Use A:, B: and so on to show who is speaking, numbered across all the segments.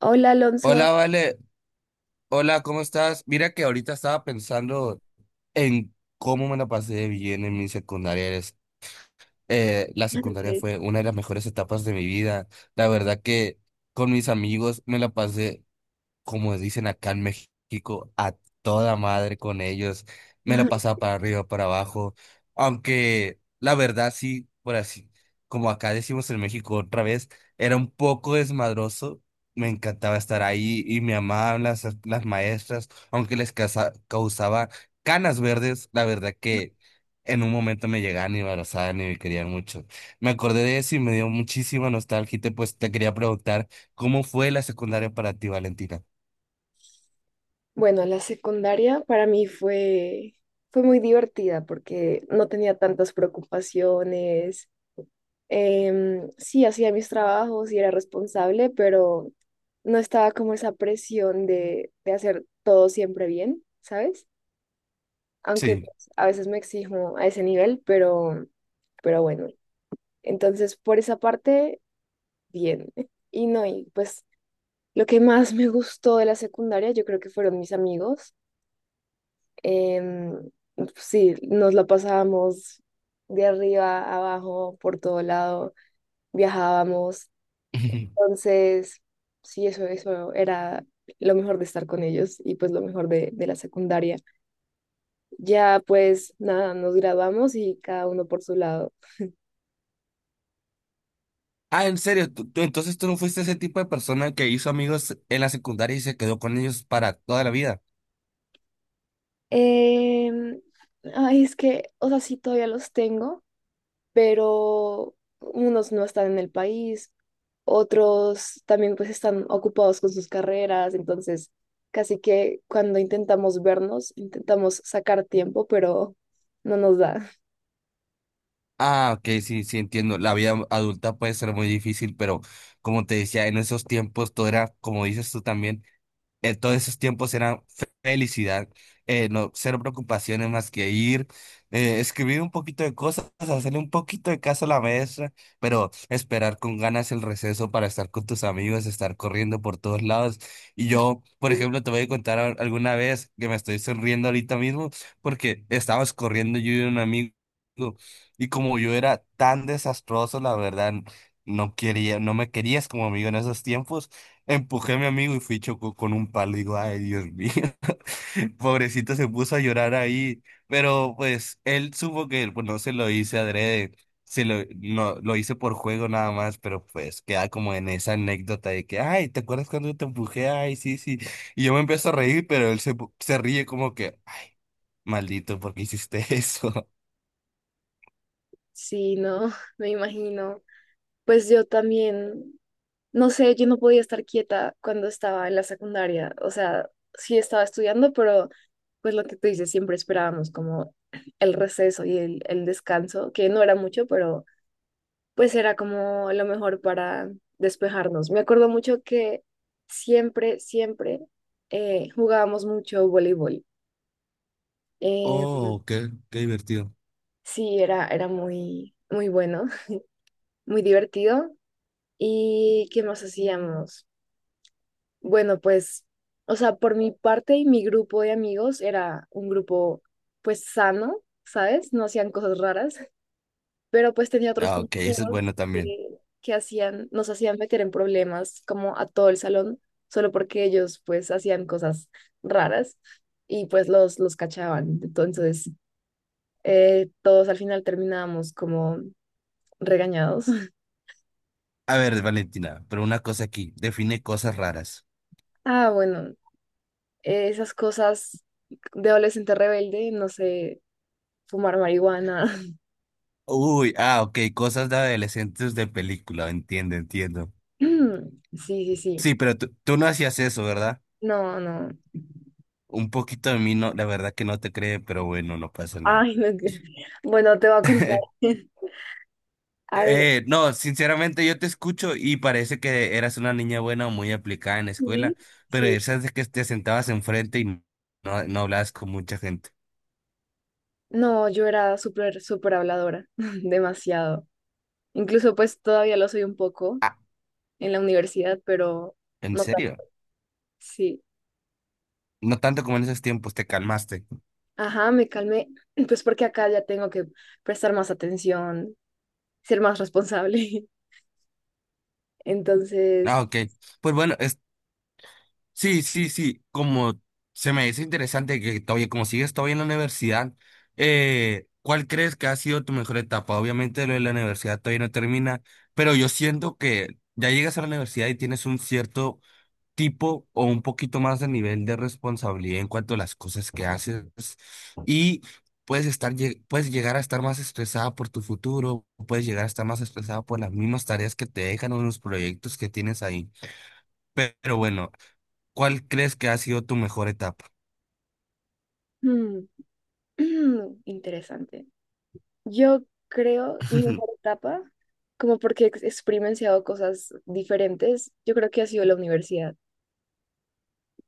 A: Hola Alonso.
B: Hola, Vale. Hola, ¿cómo estás? Mira que ahorita estaba pensando en cómo me la pasé de bien en mi secundaria. La
A: Ah,
B: secundaria
A: ok.
B: fue una de las mejores etapas de mi vida. La verdad que con mis amigos me la pasé como dicen acá en México, a toda madre con ellos. Me la pasaba para arriba, para abajo. Aunque la verdad sí, por así, como acá decimos en México otra vez, era un poco desmadroso. Me encantaba estar ahí y me amaban las maestras, aunque les causaba canas verdes. La verdad que en un momento me llegaban y me abrazaban y me querían mucho. Me acordé de eso y me dio muchísima nostalgia y pues te quería preguntar, ¿cómo fue la secundaria para ti, Valentina?
A: Bueno, la secundaria para mí fue, fue muy divertida porque no tenía tantas preocupaciones. Sí, hacía mis trabajos y era responsable, pero no estaba como esa presión de hacer todo siempre bien, ¿sabes? Aunque
B: Sí.
A: pues, a veces me exijo a ese nivel, pero bueno. Entonces, por esa parte, bien. Y no, y pues lo que más me gustó de la secundaria, yo creo que fueron mis amigos. Em, sí, nos la pasábamos de arriba a abajo, por todo lado, viajábamos. Entonces, sí, eso era lo mejor de estar con ellos y pues lo mejor de la secundaria. Ya pues nada, nos graduamos y cada uno por su lado.
B: Ah, en serio, entonces tú no fuiste ese tipo de persona que hizo amigos en la secundaria y se quedó con ellos para toda la vida?
A: Em, Ay, es que, o sea, sí, todavía los tengo, pero unos no están en el país, otros también pues están ocupados con sus carreras, entonces casi que cuando intentamos vernos, intentamos sacar tiempo, pero no nos da.
B: Ah, ok, sí, sí, entiendo. La vida adulta puede ser muy difícil, pero como te decía, en esos tiempos todo era, como dices tú también. En todos esos tiempos era felicidad, no, cero preocupaciones más que ir, escribir un poquito de cosas, hacerle un poquito de caso a la maestra, pero esperar con ganas el receso para estar con tus amigos, estar corriendo por todos lados. Y yo, por
A: Sí,
B: ejemplo, te voy a contar alguna vez que me estoy sonriendo ahorita mismo porque estábamos corriendo yo y un amigo y como yo era tan desastroso, la verdad, no quería, no me querías como amigo en esos tiempos. Empujé a mi amigo y fui y chocó con un palo. Digo, ay, Dios mío. Pobrecito se puso a llorar ahí. Pero pues él supo que pues, no se lo hice adrede. Se lo, no, lo hice por juego nada más, pero pues queda como en esa anécdota de que, ay, ¿te acuerdas cuando te empujé? Ay, sí, sí. Y yo me empiezo a reír, pero él se, se ríe como que, ay, maldito, ¿por qué hiciste eso?
A: sí, no, me imagino. Pues yo también, no sé, yo no podía estar quieta cuando estaba en la secundaria, o sea, sí estaba estudiando, pero pues lo que tú dices, siempre esperábamos como el receso y el descanso, que no era mucho, pero pues era como lo mejor para despejarnos. Me acuerdo mucho que siempre, siempre jugábamos mucho voleibol. Eh,
B: Oh, qué divertido.
A: sí, era, era muy, muy bueno, muy divertido. ¿Y qué más hacíamos? Bueno, pues, o sea, por mi parte y mi grupo de amigos era un grupo, pues, sano, ¿sabes? No hacían cosas raras. Pero pues tenía otros
B: Ah, ok, eso es
A: compañeros
B: bueno
A: que,
B: también.
A: que hacían, nos hacían meter en problemas como a todo el salón, solo porque ellos pues hacían cosas raras y pues los cachaban. Entonces, todos al final terminábamos como regañados.
B: A ver, Valentina, pero una cosa aquí, define cosas raras.
A: Ah, bueno, esas cosas de adolescente rebelde, no sé, fumar marihuana.
B: Uy, ah, ok, cosas de adolescentes de película, entiendo, entiendo.
A: Sí, sí, sí.
B: Sí, pero tú no hacías eso, ¿verdad?
A: No, no.
B: Un poquito de mí, no, la verdad que no te cree, pero bueno, no pasa nada.
A: Ay, no. Que- bueno, te voy a contar. A ver,
B: No, sinceramente yo te escucho y parece que eras una niña buena o muy aplicada en la
A: sí,
B: escuela, pero
A: sí.
B: esas de que te sentabas enfrente y no hablabas con mucha gente.
A: No, yo era súper, súper habladora, demasiado. Incluso pues todavía lo soy un poco
B: Ah,
A: en la universidad, pero
B: ¿en
A: no tanto.
B: serio?
A: Sí.
B: No tanto como en esos tiempos, te calmaste.
A: Ajá, me calmé, pues porque acá ya tengo que prestar más atención, ser más responsable.
B: Ah,
A: Entonces,
B: ok. Pues bueno, sí, sí, sí, como se me dice interesante que todavía, como sigues todavía en la universidad, ¿cuál crees que ha sido tu mejor etapa? Obviamente lo de la universidad todavía no termina, pero yo siento que ya llegas a la universidad y tienes un cierto tipo o un poquito más de nivel de responsabilidad en cuanto a las cosas que haces y puedes estar, puedes llegar a estar más estresada por tu futuro, puedes llegar a estar más estresada por las mismas tareas que te dejan o los proyectos que tienes ahí. Pero bueno. ¿Cuál crees que ha sido tu mejor etapa?
A: mm, interesante. Yo creo mi mejor etapa, como porque he ex- experienciado cosas diferentes, yo creo que ha sido la universidad.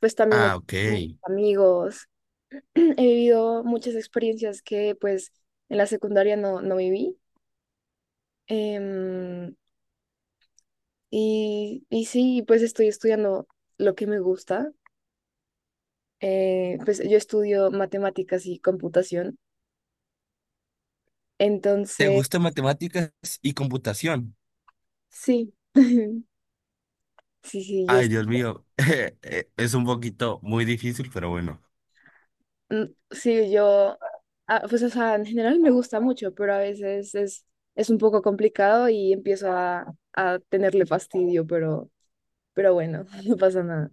A: Pues también
B: Ah,
A: he
B: ok.
A: tenido amigos, he vivido muchas experiencias que pues en la secundaria no, no viví. Em, y, y sí, pues estoy estudiando lo que me gusta. Pues yo estudio matemáticas y computación.
B: ¿Te
A: Entonces,
B: gustan matemáticas y computación?
A: sí, sí, sí, yo,
B: Ay,
A: es-
B: Dios mío, es un poquito muy difícil, pero bueno.
A: mm, sí, yo, ah, pues o sea, en general me gusta mucho, pero a veces es un poco complicado y empiezo a tenerle fastidio, pero bueno, no pasa nada.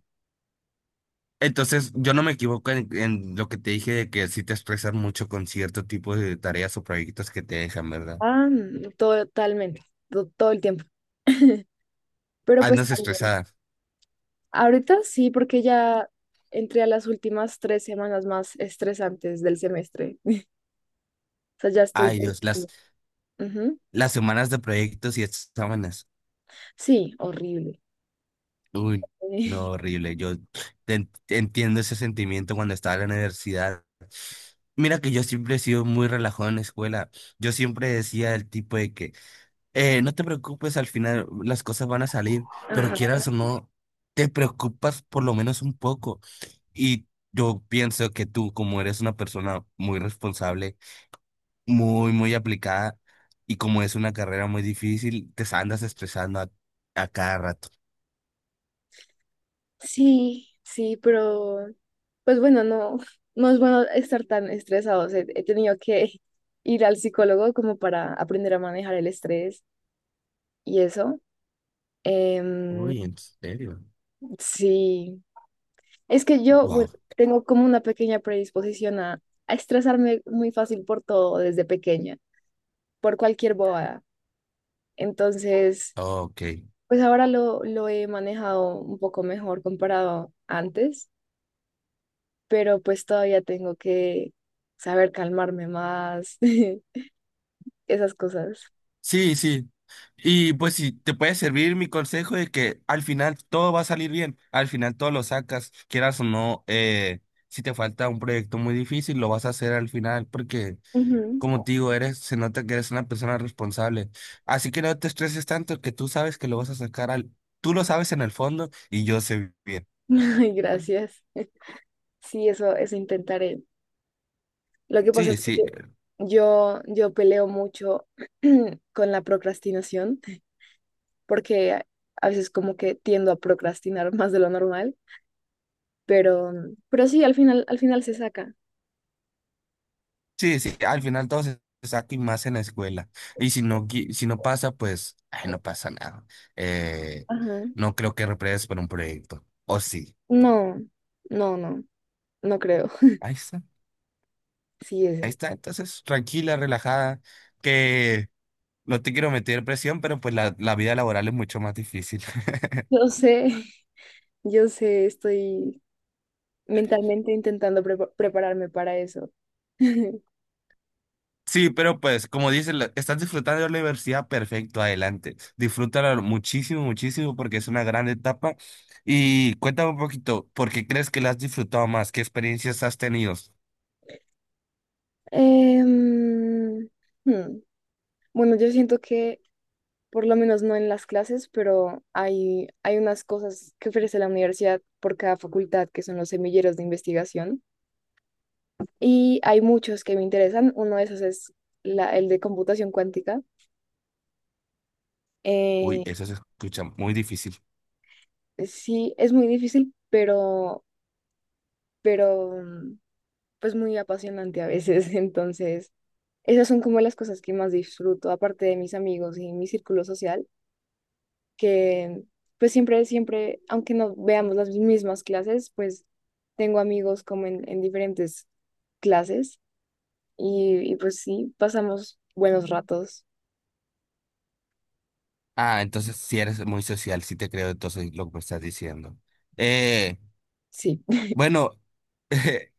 B: Entonces, yo no me equivoco en lo que te dije de que sí te estresas mucho con cierto tipo de tareas o proyectos que te dejan, ¿verdad?
A: Ah, mm, totalmente, to- todo el tiempo. Pero pues
B: Andas
A: también,
B: estresada.
A: ahorita sí, porque ya entré a las últimas 3 semanas más estresantes del semestre. O sea, ya estoy...
B: Ay, Dios,
A: Ujú.
B: las semanas de proyectos y exámenes.
A: Sí, horrible.
B: Uy, no, horrible. Yo te entiendo ese sentimiento cuando estaba en la universidad. Mira que yo siempre he sido muy relajado en la escuela. Yo siempre decía el tipo de que, no te preocupes, al final las cosas van a salir, pero
A: Ajá.
B: quieras o no, te preocupas por lo menos un poco. Y yo pienso que tú, como eres una persona muy responsable, muy aplicada, y como es una carrera muy difícil, te andas estresando a cada rato.
A: Sí, sí, pero pues bueno, no, no es bueno estar tan estresados. He, he tenido que ir al psicólogo como para aprender a manejar el estrés y eso. Em,
B: Uy, ¿en serio?
A: sí, es que yo,
B: Wow.
A: bueno, tengo como una pequeña predisposición a estresarme muy fácil por todo desde pequeña, por cualquier bobada. Entonces,
B: Ok.
A: pues ahora lo he manejado un poco mejor comparado antes, pero pues todavía tengo que saber calmarme más, esas cosas.
B: Sí, sí. Y pues si te puede servir mi consejo de que al final todo va a salir bien, al final todo lo sacas, quieras o no, si te falta un proyecto muy difícil, lo vas a hacer al final porque,
A: Ujú.
B: como te digo, eres, se nota que eres una persona responsable. Así que no te estreses tanto que tú sabes que lo vas a sacar al, tú lo sabes en el fondo y yo sé bien.
A: Ay, gracias. Sí, eso intentaré. Lo que pasa es
B: Sí,
A: que
B: sí,
A: yo peleo mucho con la procrastinación. Porque a veces como que tiendo a procrastinar más de lo normal, pero, pero sí, al final se saca.
B: sí, sí, al final todo se saca y más en la escuela. Y si no, si no pasa, pues, ay, no pasa nada. Eh,
A: Ajá.
B: no creo que repruebes por un proyecto. O sí.
A: No, no, no, no creo.
B: Ahí está.
A: Sí, es
B: Ahí
A: él.
B: está. Entonces, tranquila, relajada, que no te quiero meter presión, pero pues la vida laboral es mucho más difícil.
A: Yo sé, yo sé, estoy mentalmente intentando prepa- prepararme para eso.
B: Sí, pero pues, como dices estás disfrutando de la universidad, perfecto, adelante. Disfrútala muchísimo, muchísimo, porque es una gran etapa. Y cuéntame un poquito, ¿por qué crees que la has disfrutado más? ¿Qué experiencias has tenido?
A: Em, hmm, Bueno, yo siento que, por lo menos no en las clases, pero hay unas cosas que ofrece la universidad por cada facultad, que son los semilleros de investigación. Y hay muchos que me interesan. Uno de esos es la, el de computación cuántica.
B: Uy,
A: Eh,
B: eso se escucha muy difícil.
A: sí, es muy difícil, pero mm, pues muy apasionante a veces. Entonces, esas son como las cosas que más disfruto, aparte de mis amigos y mi círculo social, que pues siempre, siempre, aunque no veamos las mismas clases, pues tengo amigos como en diferentes clases y pues sí, pasamos buenos ratos.
B: Ah, entonces sí eres muy social, sí te creo entonces lo que me estás diciendo. Eh,
A: Sí.
B: bueno,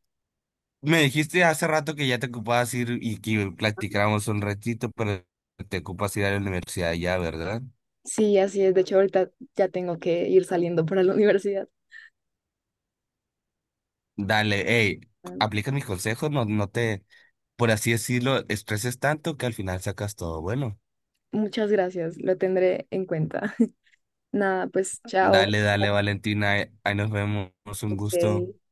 B: me dijiste hace rato que ya te ocupabas ir y que platicáramos un ratito, pero te ocupas ir a la universidad ya, ¿verdad?
A: Sí, así es. De hecho, ahorita ya tengo que ir saliendo para la universidad.
B: Dale, hey, aplica mis consejos, no, no te, por así decirlo, estreses tanto que al final sacas todo bueno.
A: Muchas gracias, lo tendré en cuenta. Nada, pues chao.
B: Dale, dale, Valentina, ahí nos vemos, un gusto.
A: Ok.